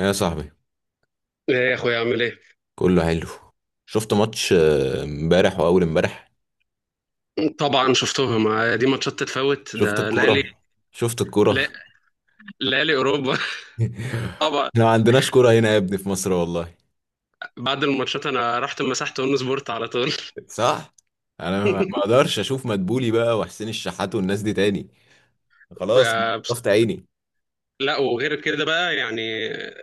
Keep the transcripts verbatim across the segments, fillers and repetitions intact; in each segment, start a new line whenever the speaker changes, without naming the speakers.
يا صاحبي،
ايه يا اخويا، عامل ايه؟
كله حلو. شفت ماتش آه، امبارح واول امبارح.
طبعا شفتهم. آه، دي ماتشات تتفوت،
شفت
ده ليالي.
الكوره، شفت الكوره.
لا- ليالي اوروبا. طبعا.
احنا ما عندناش كوره هنا يا ابني في مصر والله.
بعد الماتشات انا رحت مسحت اون سبورت على طول.
صح. انا ما ما اقدرش اشوف مدبولي بقى وحسين الشحات والناس دي تاني. خلاص أنا
آه، بس-
طفت عيني.
لا وغير كده بقى يعني آه،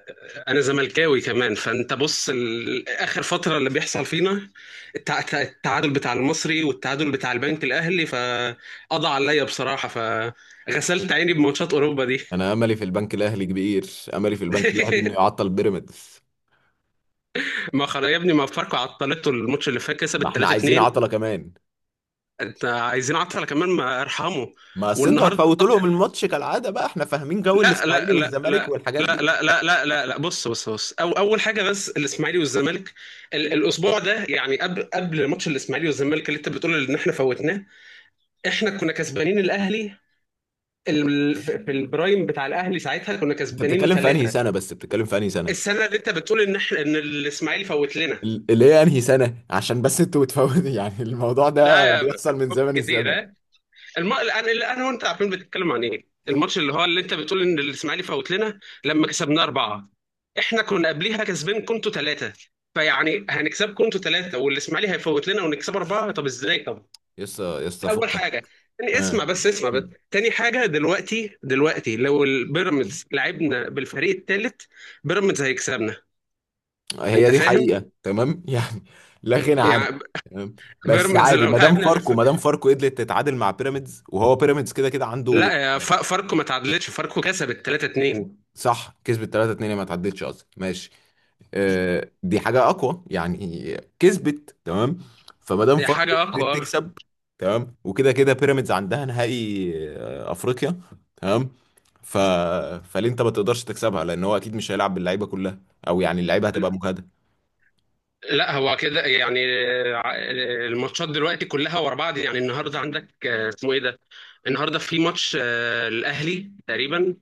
انا زملكاوي كمان، فانت بص، ال- اخر فتره اللي بيحصل فينا التع- التع- التعادل بتاع المصري والتعادل بتاع البنك الاهلي، فقضى عليا بصراحه، فغسلت عيني بماتشات اوروبا دي.
انا املي في البنك الاهلي كبير، املي في البنك الاهلي انه يعطل بيراميدز.
ما خلاص يا ابني، ما فاركو عطلته الماتش اللي فات، كسب
ما احنا عايزين
تلاتة اتنين.
عطله كمان.
انت عايزين عطله كمان؟ ما ارحمه.
ما اصل انتوا
والنهارده،
هتفوتوا لهم الماتش كالعاده، بقى احنا فاهمين جو
لا
الاسماعيلي
لا لا
والزمالك
لا،
والحاجات
لا
دي.
لا لا لا لا لا، بص بص بص، أو اول حاجه بس الاسماعيلي والزمالك. ال- الاسبوع ده يعني، قبل قبل ماتش الاسماعيلي والزمالك اللي انت بتقول ان احنا فوتناه، احنا كنا كسبانين الاهلي، ال- في البرايم بتاع الاهلي ساعتها كنا
انت
كسبانينه
بتتكلم في انهي
ثلاثه،
سنه؟ بس بتتكلم في انهي سنه؟
السنه اللي انت بتقول ان احنا ان الاسماعيلي فوت لنا.
ال- اللي هي انهي سنة، عشان بس انتوا بتفوتوا. يعني الموضوع
لا
ده
يا ب-
بيحصل من زمن الزمن.
كتير. الم... الان اللي انا وانت عارفين بتتكلم عن ايه، الماتش اللي هو اللي انت بتقول ان الاسماعيلي فوت لنا لما كسبنا اربعه. احنا كنا قبليها كسبين كنتوا ثلاثه، فيعني هنكسبكم انتوا ثلاثه والاسماعيلي هيفوت لنا ونكسب اربعه؟ طب ازاي طب؟
يسطا
دي
يسطا
اول
فكك.
حاجه. تاني،
آه.
اسمع بس، اسمع بس،
مم.
تاني حاجه: دلوقتي دلوقتي لو البيراميدز لعبنا بالفريق الثالث، بيراميدز هيكسبنا.
هي
انت
دي
فاهم؟
حقيقة، تمام. يعني لا غنى عنها.
يعني
تمام. بس
بيراميدز
عادي،
لو
ما دام
لعبنا بالف...
فاركو ما دام فاركو قدرت تتعادل مع بيراميدز، وهو بيراميدز كده كده عنده.
لا يا ف- فاركو ما تعادلتش، فاركو كسبت ثلاثة اتنين.
صح، كسبت تلاته اتنين، ما تعدتش اصلا، ماشي. آه، دي حاجة أقوى يعني، كسبت، تمام. فما دام
هي
فاركو
حاجه
قدرت
اقوى.
تكسب، تمام. وكده كده بيراميدز عندها نهائي، آه، أفريقيا. تمام. ف... فليه أنت ما تقدرش تكسبها؟ لأن هو أكيد مش هيلعب باللعيبة كلها، أو يعني اللعيبة هتبقى مجهدة.
لا هو كده يعني. ع- الماتشات دلوقتي كلها ورا بعض، يعني النهارده عندك آه، اسمه ايه ده، النهارده في ماتش آه، الاهلي تقريبا.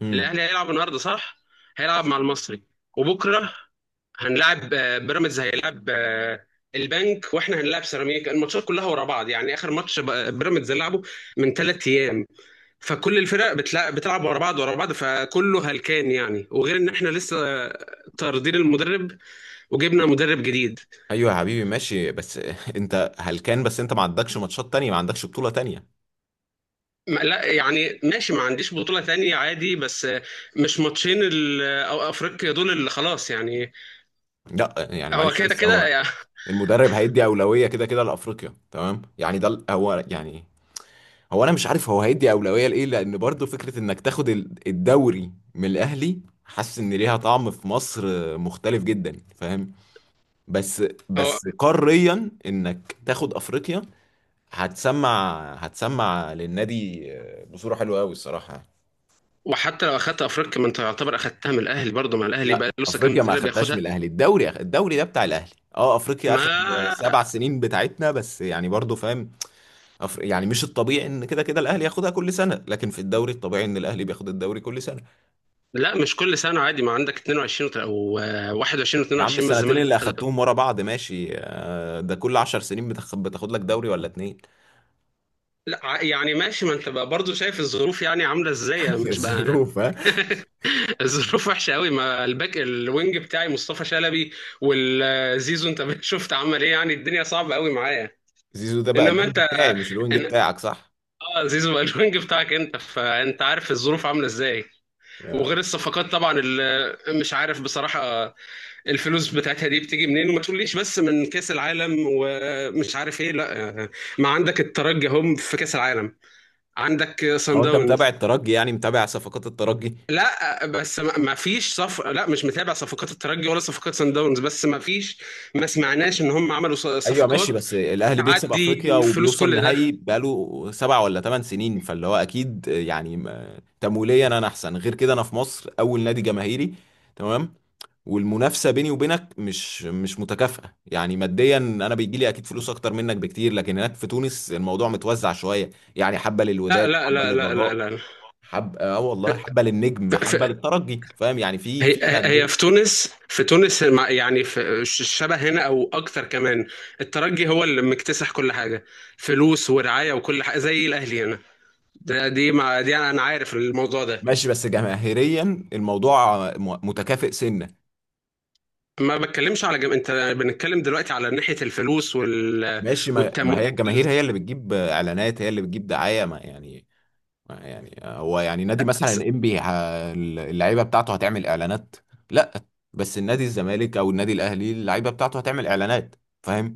امم.
الاهلي هيلعب النهارده، صح؟ هيلعب مع المصري. وبكره هنلعب، آه، بيراميدز هيلعب آه، البنك، واحنا هنلعب سيراميكا. الماتشات كلها ورا بعض يعني، اخر ماتش ب- بيراميدز لعبه من ثلاث ايام، فكل الفرق بتلع- بتلعب ورا بعض ورا بعض، فكله هلكان يعني. وغير ان احنا لسه آه، طاردين المدرب وجبنا مدرب جديد.
أيوه يا حبيبي، ماشي. بس أنت هلكان؟ بس أنت ما عندكش ماتشات تانية، ما عندكش بطولة تانية.
ما- لا يعني ماشي، ما عنديش بطولة تانية عادي، بس مش ماتشين ال- أو أفريقيا دول اللي خلاص يعني.
لا يعني
هو
معلش،
كده
بس
كده
هو
يعني.
المدرب هيدي أولوية كده كده لأفريقيا، تمام يعني. ده ال- هو يعني. هو انا مش عارف هو هيدي اولويه لايه، لان برضو فكره انك تاخد ال- الدوري من الاهلي، حاسس ان ليها طعم في مصر مختلف جدا، فاهم. بس
هو،
بس قاريا انك تاخد افريقيا، هتسمع هتسمع للنادي بصوره حلوه قوي الصراحه.
وحتى لو أخدت أفريقيا ما أنت يعتبر أخدتها من الأهلي برضه، ما الأهلي بقى
لا،
لسه كام
افريقيا ما
سنة
اخدتهاش من
بياخدها؟
الاهلي. الدوري أخ- الدوري ده بتاع الاهلي. اه افريقيا اخر
ما
سبع سنين بتاعتنا، بس يعني برضو فاهم. أفر... يعني مش الطبيعي ان كده كده الاهلي ياخدها كل سنه، لكن في الدوري الطبيعي ان الاهلي بياخد الدوري كل سنه.
لا، مش كل سنة عادي، ما عندك اتنين وعشرين وت- و واحد وعشرين
يا عم،
و22 بس
السنتين
الزمالك.
اللي اخدتهم ورا بعض، ماشي، آه، ده كل عشر سنين بتاخد, بتاخد لك دوري ولا اتنين.
لا ع- يعني ماشي، ما انت بقى برضه شايف الظروف يعني عامله ازاي، مش بقى.
الظروف، ها.
الظروف وحشه قوي، ما الباك الوينج بتاعي مصطفى شلبي والزيزو انت، شفت عمل ايه؟ يعني الدنيا صعبه قوي معايا.
زيزو ده بقى
انما انت
الوينج بتاعي، مش الوينج
ان
بتاعك، صح؟
اه زيزو بقى الوينج بتاعك انت، فانت عارف الظروف عامله ازاي.
يا.
وغير الصفقات طبعا اللي مش عارف بصراحه آه، الفلوس بتاعتها دي بتيجي منين؟ وما تقوليش بس من كاس العالم ومش عارف ايه، لا آه، ما عندك الترجي هم في كاس العالم، عندك صن
هو انت متابع
داونز.
الترجي، يعني متابع صفقات الترجي؟
لا بس ما ما فيش صف، لا مش متابع صفقات الترجي ولا صفقات سان داونز، بس ما فيش، ما سمعناش ان هم عملوا ص-
ايوه ماشي.
صفقات.
بس الاهلي بيكسب افريقيا
تعدي فلوس
وبيوصل
كل ده.
نهائي بقاله سبع ولا ثمان سنين، فاللي هو اكيد يعني م- تمويليا انا احسن. غير كده انا في مصر اول نادي جماهيري، تمام. والمنافسه بيني وبينك مش مش متكافئه يعني، ماديا انا بيجي لي اكيد فلوس اكتر منك بكتير، لكن هناك في تونس الموضوع متوزع شويه. يعني حبه
لا
للوداد،
لا
حبه
لا لا لا
للرجاء،
لا.
حبه، اه والله، حبه للنجم،
ف... ف...
حبه للترجي، فاهم يعني، في
هي،
في
هي في
انديه.
تونس، في تونس مع- يعني في ش- شبه هنا او اكتر كمان. الترجي هو اللي مكتسح كل حاجه، فلوس ورعايه وكل حاجه زي الاهلي هنا. ده دي مع... دي انا عارف الموضوع ده.
ماشي، بس جماهيريا الموضوع م- متكافئ سنه.
ما بتكلمش على جم... انت بنتكلم دلوقتي على ناحيه الفلوس وال...
ماشي، ما, ما
والتمويل.
هي الجماهير هي اللي بتجيب اعلانات، هي اللي بتجيب دعايه، ما يعني. ما يعني هو يعني، نادي مثلا انبي اللعيبه بتاعته هتعمل اعلانات؟ لا. بس النادي الزمالك او النادي الاهلي اللعيبه بتاعته هتعمل اعلانات، فاهم.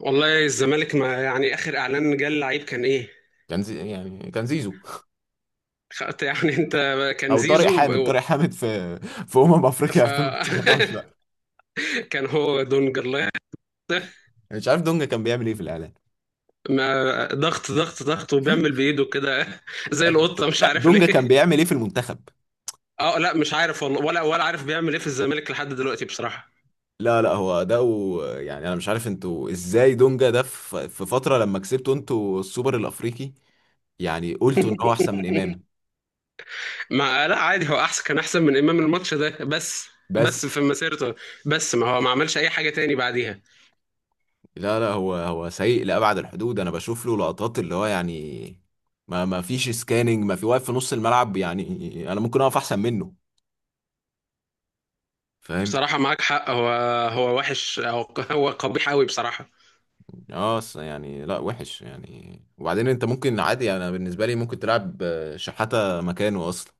والله الزمالك ما يعني اخر اعلان جه اللعيب كان ايه؟
كان زي، يعني كان زيزو،
خ- يعني انت كان
او طارق
زيزو
حامد.
ب-
طارق حامد في في امم افريقيا
ف
ألفين وتسعتاشر. لا
كان هو دونج الله يحفظه.
مش عارف دونجا كان بيعمل ايه في الاعلان.
ما ضغط ضغط ضغط وبيعمل بايده كده زي القطه مش
لا
عارف
دونجا
ليه.
كان بيعمل ايه في المنتخب؟
اه لا مش عارف والله، ولا ولا عارف بيعمل ايه في الزمالك لحد دلوقتي بصراحه.
لا لا، هو ده و... يعني انا مش عارف انتوا ازاي دونجا ده في في فتره لما كسبتوا انتوا السوبر الافريقي، يعني قلتوا ان هو احسن من امام.
ما لا عادي، هو احسن كان احسن من امام الماتش ده بس، بس
بس.
في مسيرته، بس ما هو ما عملش اي حاجه تاني بعديها.
لا لا، هو هو سيء لابعد الحدود. انا بشوف له لقطات اللي هو يعني ما ما فيش سكاننج، ما في، واقف في نص الملعب، يعني انا ممكن اقف احسن منه، فاهم.
بصراحه معاك حق، هو، هو وحش، هو، هو قبيح قوي بصراحه.
اه أصل يعني، لا وحش يعني. وبعدين انت ممكن عادي، انا بالنسبه لي ممكن تلعب آه، شحاته مكانه اصلا.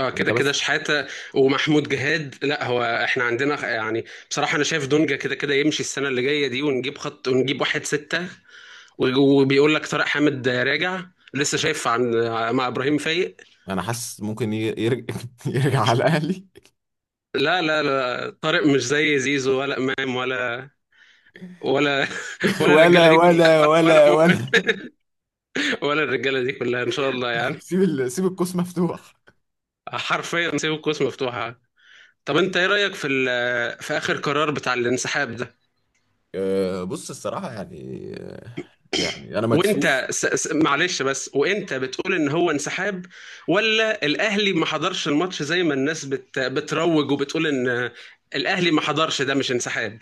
اه كده
انت
كده
بس.
شحاته ومحمود جهاد. لا هو احنا عندنا خ- يعني بصراحه انا شايف دونجا كده كده يمشي السنه اللي جايه دي، ونجيب خط ونجيب واحد سته، و- وبيقول لك طارق حامد راجع لسه. شايف عن مع ابراهيم فايق؟
انا حاسس ممكن ي- يرجع. يرجع على الاهلي.
لا لا لا، طارق مش زي زيزو ولا امام ولا، ولا ولا الرجاله
ولا
دي كلها،
ولا
ولا ولا
ولا
مؤمن
ولا.
ولا الرجاله دي كلها ان شاء الله يعني.
سيب ال... سيب القوس مفتوح.
حرفيا سيب القوس مفتوحه. طب انت ايه رايك في ال- في اخر قرار بتاع الانسحاب ده؟
آه، بص الصراحة، يعني، آه، يعني أنا
وانت
مكسوف.
س... س... معلش بس، وانت بتقول ان هو انسحاب ولا الاهلي ما حضرش الماتش، زي ما الناس بت... بتروج وبتقول ان الاهلي ما حضرش. ده مش انسحاب.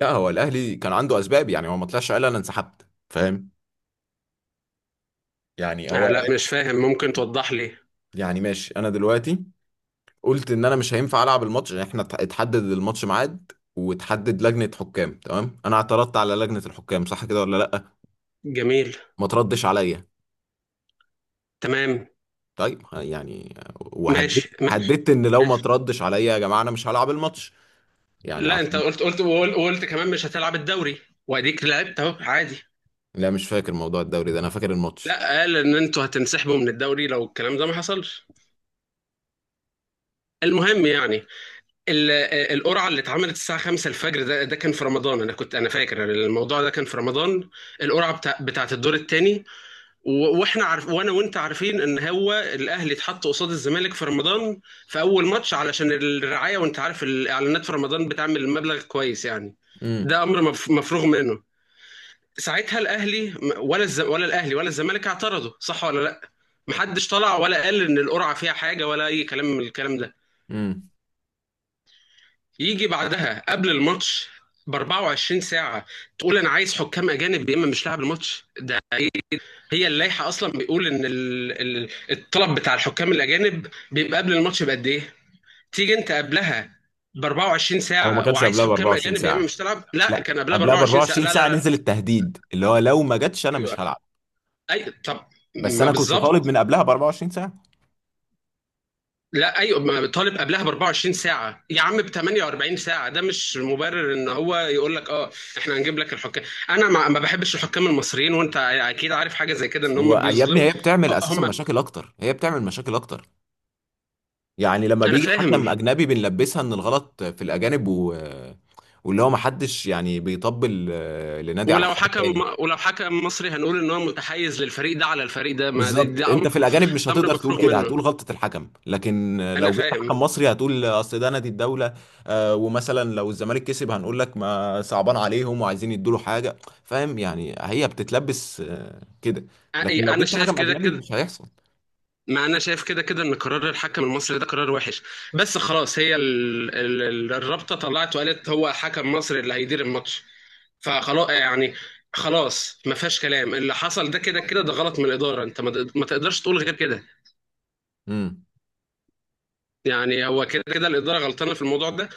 لا، هو الأهلي كان عنده أسباب، يعني هو ما طلعش قال أنا انسحبت، فاهم. يعني هو
آه لا،
قال-
مش فاهم، ممكن توضح لي؟
يعني ماشي. أنا دلوقتي قلت إن أنا مش هينفع ألعب الماتش. يعني إحنا ات- اتحدد الماتش ميعاد، وتحدد لجنة حكام، تمام. أنا اعترضت على لجنة الحكام، صح كده ولا لأ؟
جميل.
ما تردش عليا.
تمام.
طيب، ه- يعني وهددت،
ماشي ماشي
هددت إن لو ما
ماشي.
تردش عليا يا جماعة، أنا مش هلعب الماتش، يعني
لا، انت
عشان.
قلت قلت وقلت وقلت كمان مش هتلعب الدوري، واديك لعبت اهو عادي.
لا مش فاكر موضوع الدوري ده، انا فاكر الماتش.
لا قال ان انتوا هتنسحبوا من الدوري لو الكلام ده ما حصلش. المهم يعني، ال- القرعه اللي اتعملت الساعه خمسة الفجر ده ده كان في رمضان، انا كنت انا فاكر الموضوع ده كان في رمضان. القرعه بتاع بتاعت الدور الثاني. واحنا عارف، وانا وانت عارفين ان هو الاهلي اتحط قصاد الزمالك في رمضان في اول ماتش علشان الرعايه، وانت عارف الاعلانات في رمضان بتعمل مبلغ كويس يعني.
امم
ده امر مف- مفروغ منه. ساعتها الاهلي ولا الز... ولا الاهلي ولا الزمالك اعترضوا؟ صح ولا لا؟ محدش طلع ولا قال ان القرعه فيها حاجه ولا اي كلام من الكلام ده.
امم
يجي بعدها قبل الماتش ب اربعة وعشرين ساعة تقول أنا عايز حكام أجانب يا إما مش لاعب الماتش، ده إيه؟ هي اللائحة أصلا بيقول إن ال- ال- الطلب بتاع الحكام الأجانب بيبقى قبل الماتش بقد إيه؟ تيجي أنت قبلها ب اربعة وعشرين
هو ما
ساعة
كانش
وعايز
قبلها ب
حكام
اربعه وعشرين
أجانب يا إما
ساعه.
مش تلعب؟ لا
لا
كان قبلها ب
قبلها ب
اربعة وعشرين ساعة.
اربع وعشرين
لا لا
ساعه
لا.
نزل التهديد، اللي هو لو ما جاتش انا
أيوه.
مش هلعب.
أي طب.
بس
ما
انا كنت طالب
بالظبط.
من قبلها ب اربعه وعشرين ساعه.
لا ايوه، ما طالب قبلها ب اربعة وعشرين ساعه يا عم، ب تمنية واربعين ساعه ده مش مبرر ان هو يقول لك اه احنا هنجيب لك الحكام. انا ما ما بحبش الحكام المصريين، وانت اكيد عارف حاجه زي كده ان هم
ويا ابني،
بيظلموا.
هي بتعمل اساسا
هم.
مشاكل اكتر، هي بتعمل مشاكل اكتر. يعني لما
انا
بيجي
فاهم.
حكم اجنبي بنلبسها ان الغلط في الاجانب و... واللي هو ما حدش يعني بيطبل آه، لنادي على
ولو
حساب
حكم،
التاني.
ولو حكم مصري هنقول ان هو متحيز للفريق ده على الفريق ده، ما ده,
بالظبط،
ده, امر.
انت في الاجانب مش
ده
هتقدر
امر
تقول
مفروغ
كده،
منه.
هتقول غلطة الحكم. لكن
انا
لو جبت
فاهم.
حكم مصري هتقول اصل ده نادي الدولة. آه، ومثلا لو الزمالك كسب هنقول لك ما صعبان عليهم وعايزين يدوا له حاجة، فاهم. يعني هي بتتلبس آه، كده. لكن
أي-
لو
انا
جبت
شايف
حكم
كده
اجنبي
كده.
مش هيحصل.
ما انا شايف كده كده ان قرار الحكم المصري ده قرار وحش، بس خلاص، هي ال... ال... ال- الرابطه طلعت وقالت هو حكم مصري اللي هيدير الماتش، فخلاص يعني. خلاص ما فيهاش كلام، اللي حصل ده كده كده، ده غلط من الاداره، انت ما تقد- ما تقدرش تقول غير كده.
امم.
يعني هو كده كده الاداره غلطانه في الموضوع ده.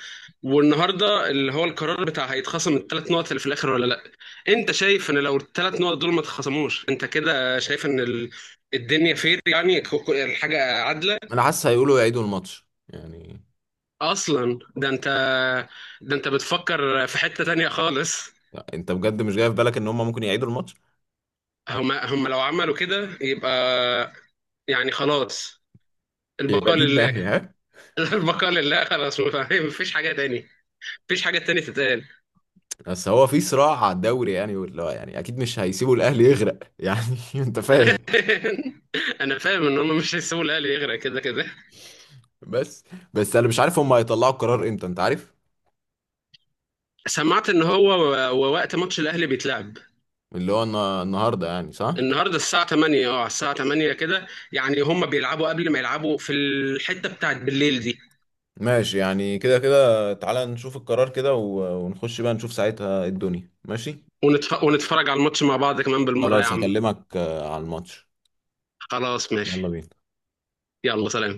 والنهارده اللي هو القرار بتاع هيتخصم الثلاث نقط اللي في الاخر ولا لا؟ انت شايف ان لو الثلاث نقط دول ما اتخصموش، انت كده شايف ان ال... الدنيا فير يعني، ك- ك- الحاجه عادله؟
انا حاسس هيقولوا يعيدوا الماتش يعني.
اصلا ده انت، ده انت بتفكر في حتة تانية خالص.
لا، انت بجد مش جاي في بالك ان هم ممكن يعيدوا الماتش؟
هم هم لو عملوا كده يبقى، يعني خلاص،
يبقى
البقاء
دي
لله.
الناحية، ها.
البقاء لله، خلاص فاهم، مفيش حاجة تاني، مفيش حاجة تانية تتقال.
بس هو في صراع على الدوري يعني، واللي هو يعني اكيد مش هيسيبوا الاهلي يغرق يعني. انت فاهم.
انا فاهم ان هم مش هيسيبوا الاهلي يغرق كده كده.
بس بس انا مش عارف هم هيطلعوا القرار امتى، انت عارف.
سمعت ان هو و- ووقت ماتش الاهلي بيتلعب
اللي هو النا- النهارده يعني، صح.
النهارده الساعة تمانية. اه، على الساعة تمانية كده يعني. هم بيلعبوا قبل ما يلعبوا في الحتة بتاعت بالليل دي.
ماشي يعني كده كده، تعالى نشوف القرار كده و- ونخش بقى نشوف ساعتها إيه الدنيا، ماشي.
ونتف... ونتفرج على الماتش مع بعض كمان بالمرة يا
خلاص
عم.
هكلمك آه، على الماتش،
خلاص
يلا
ماشي.
بينا.
يلا سلام.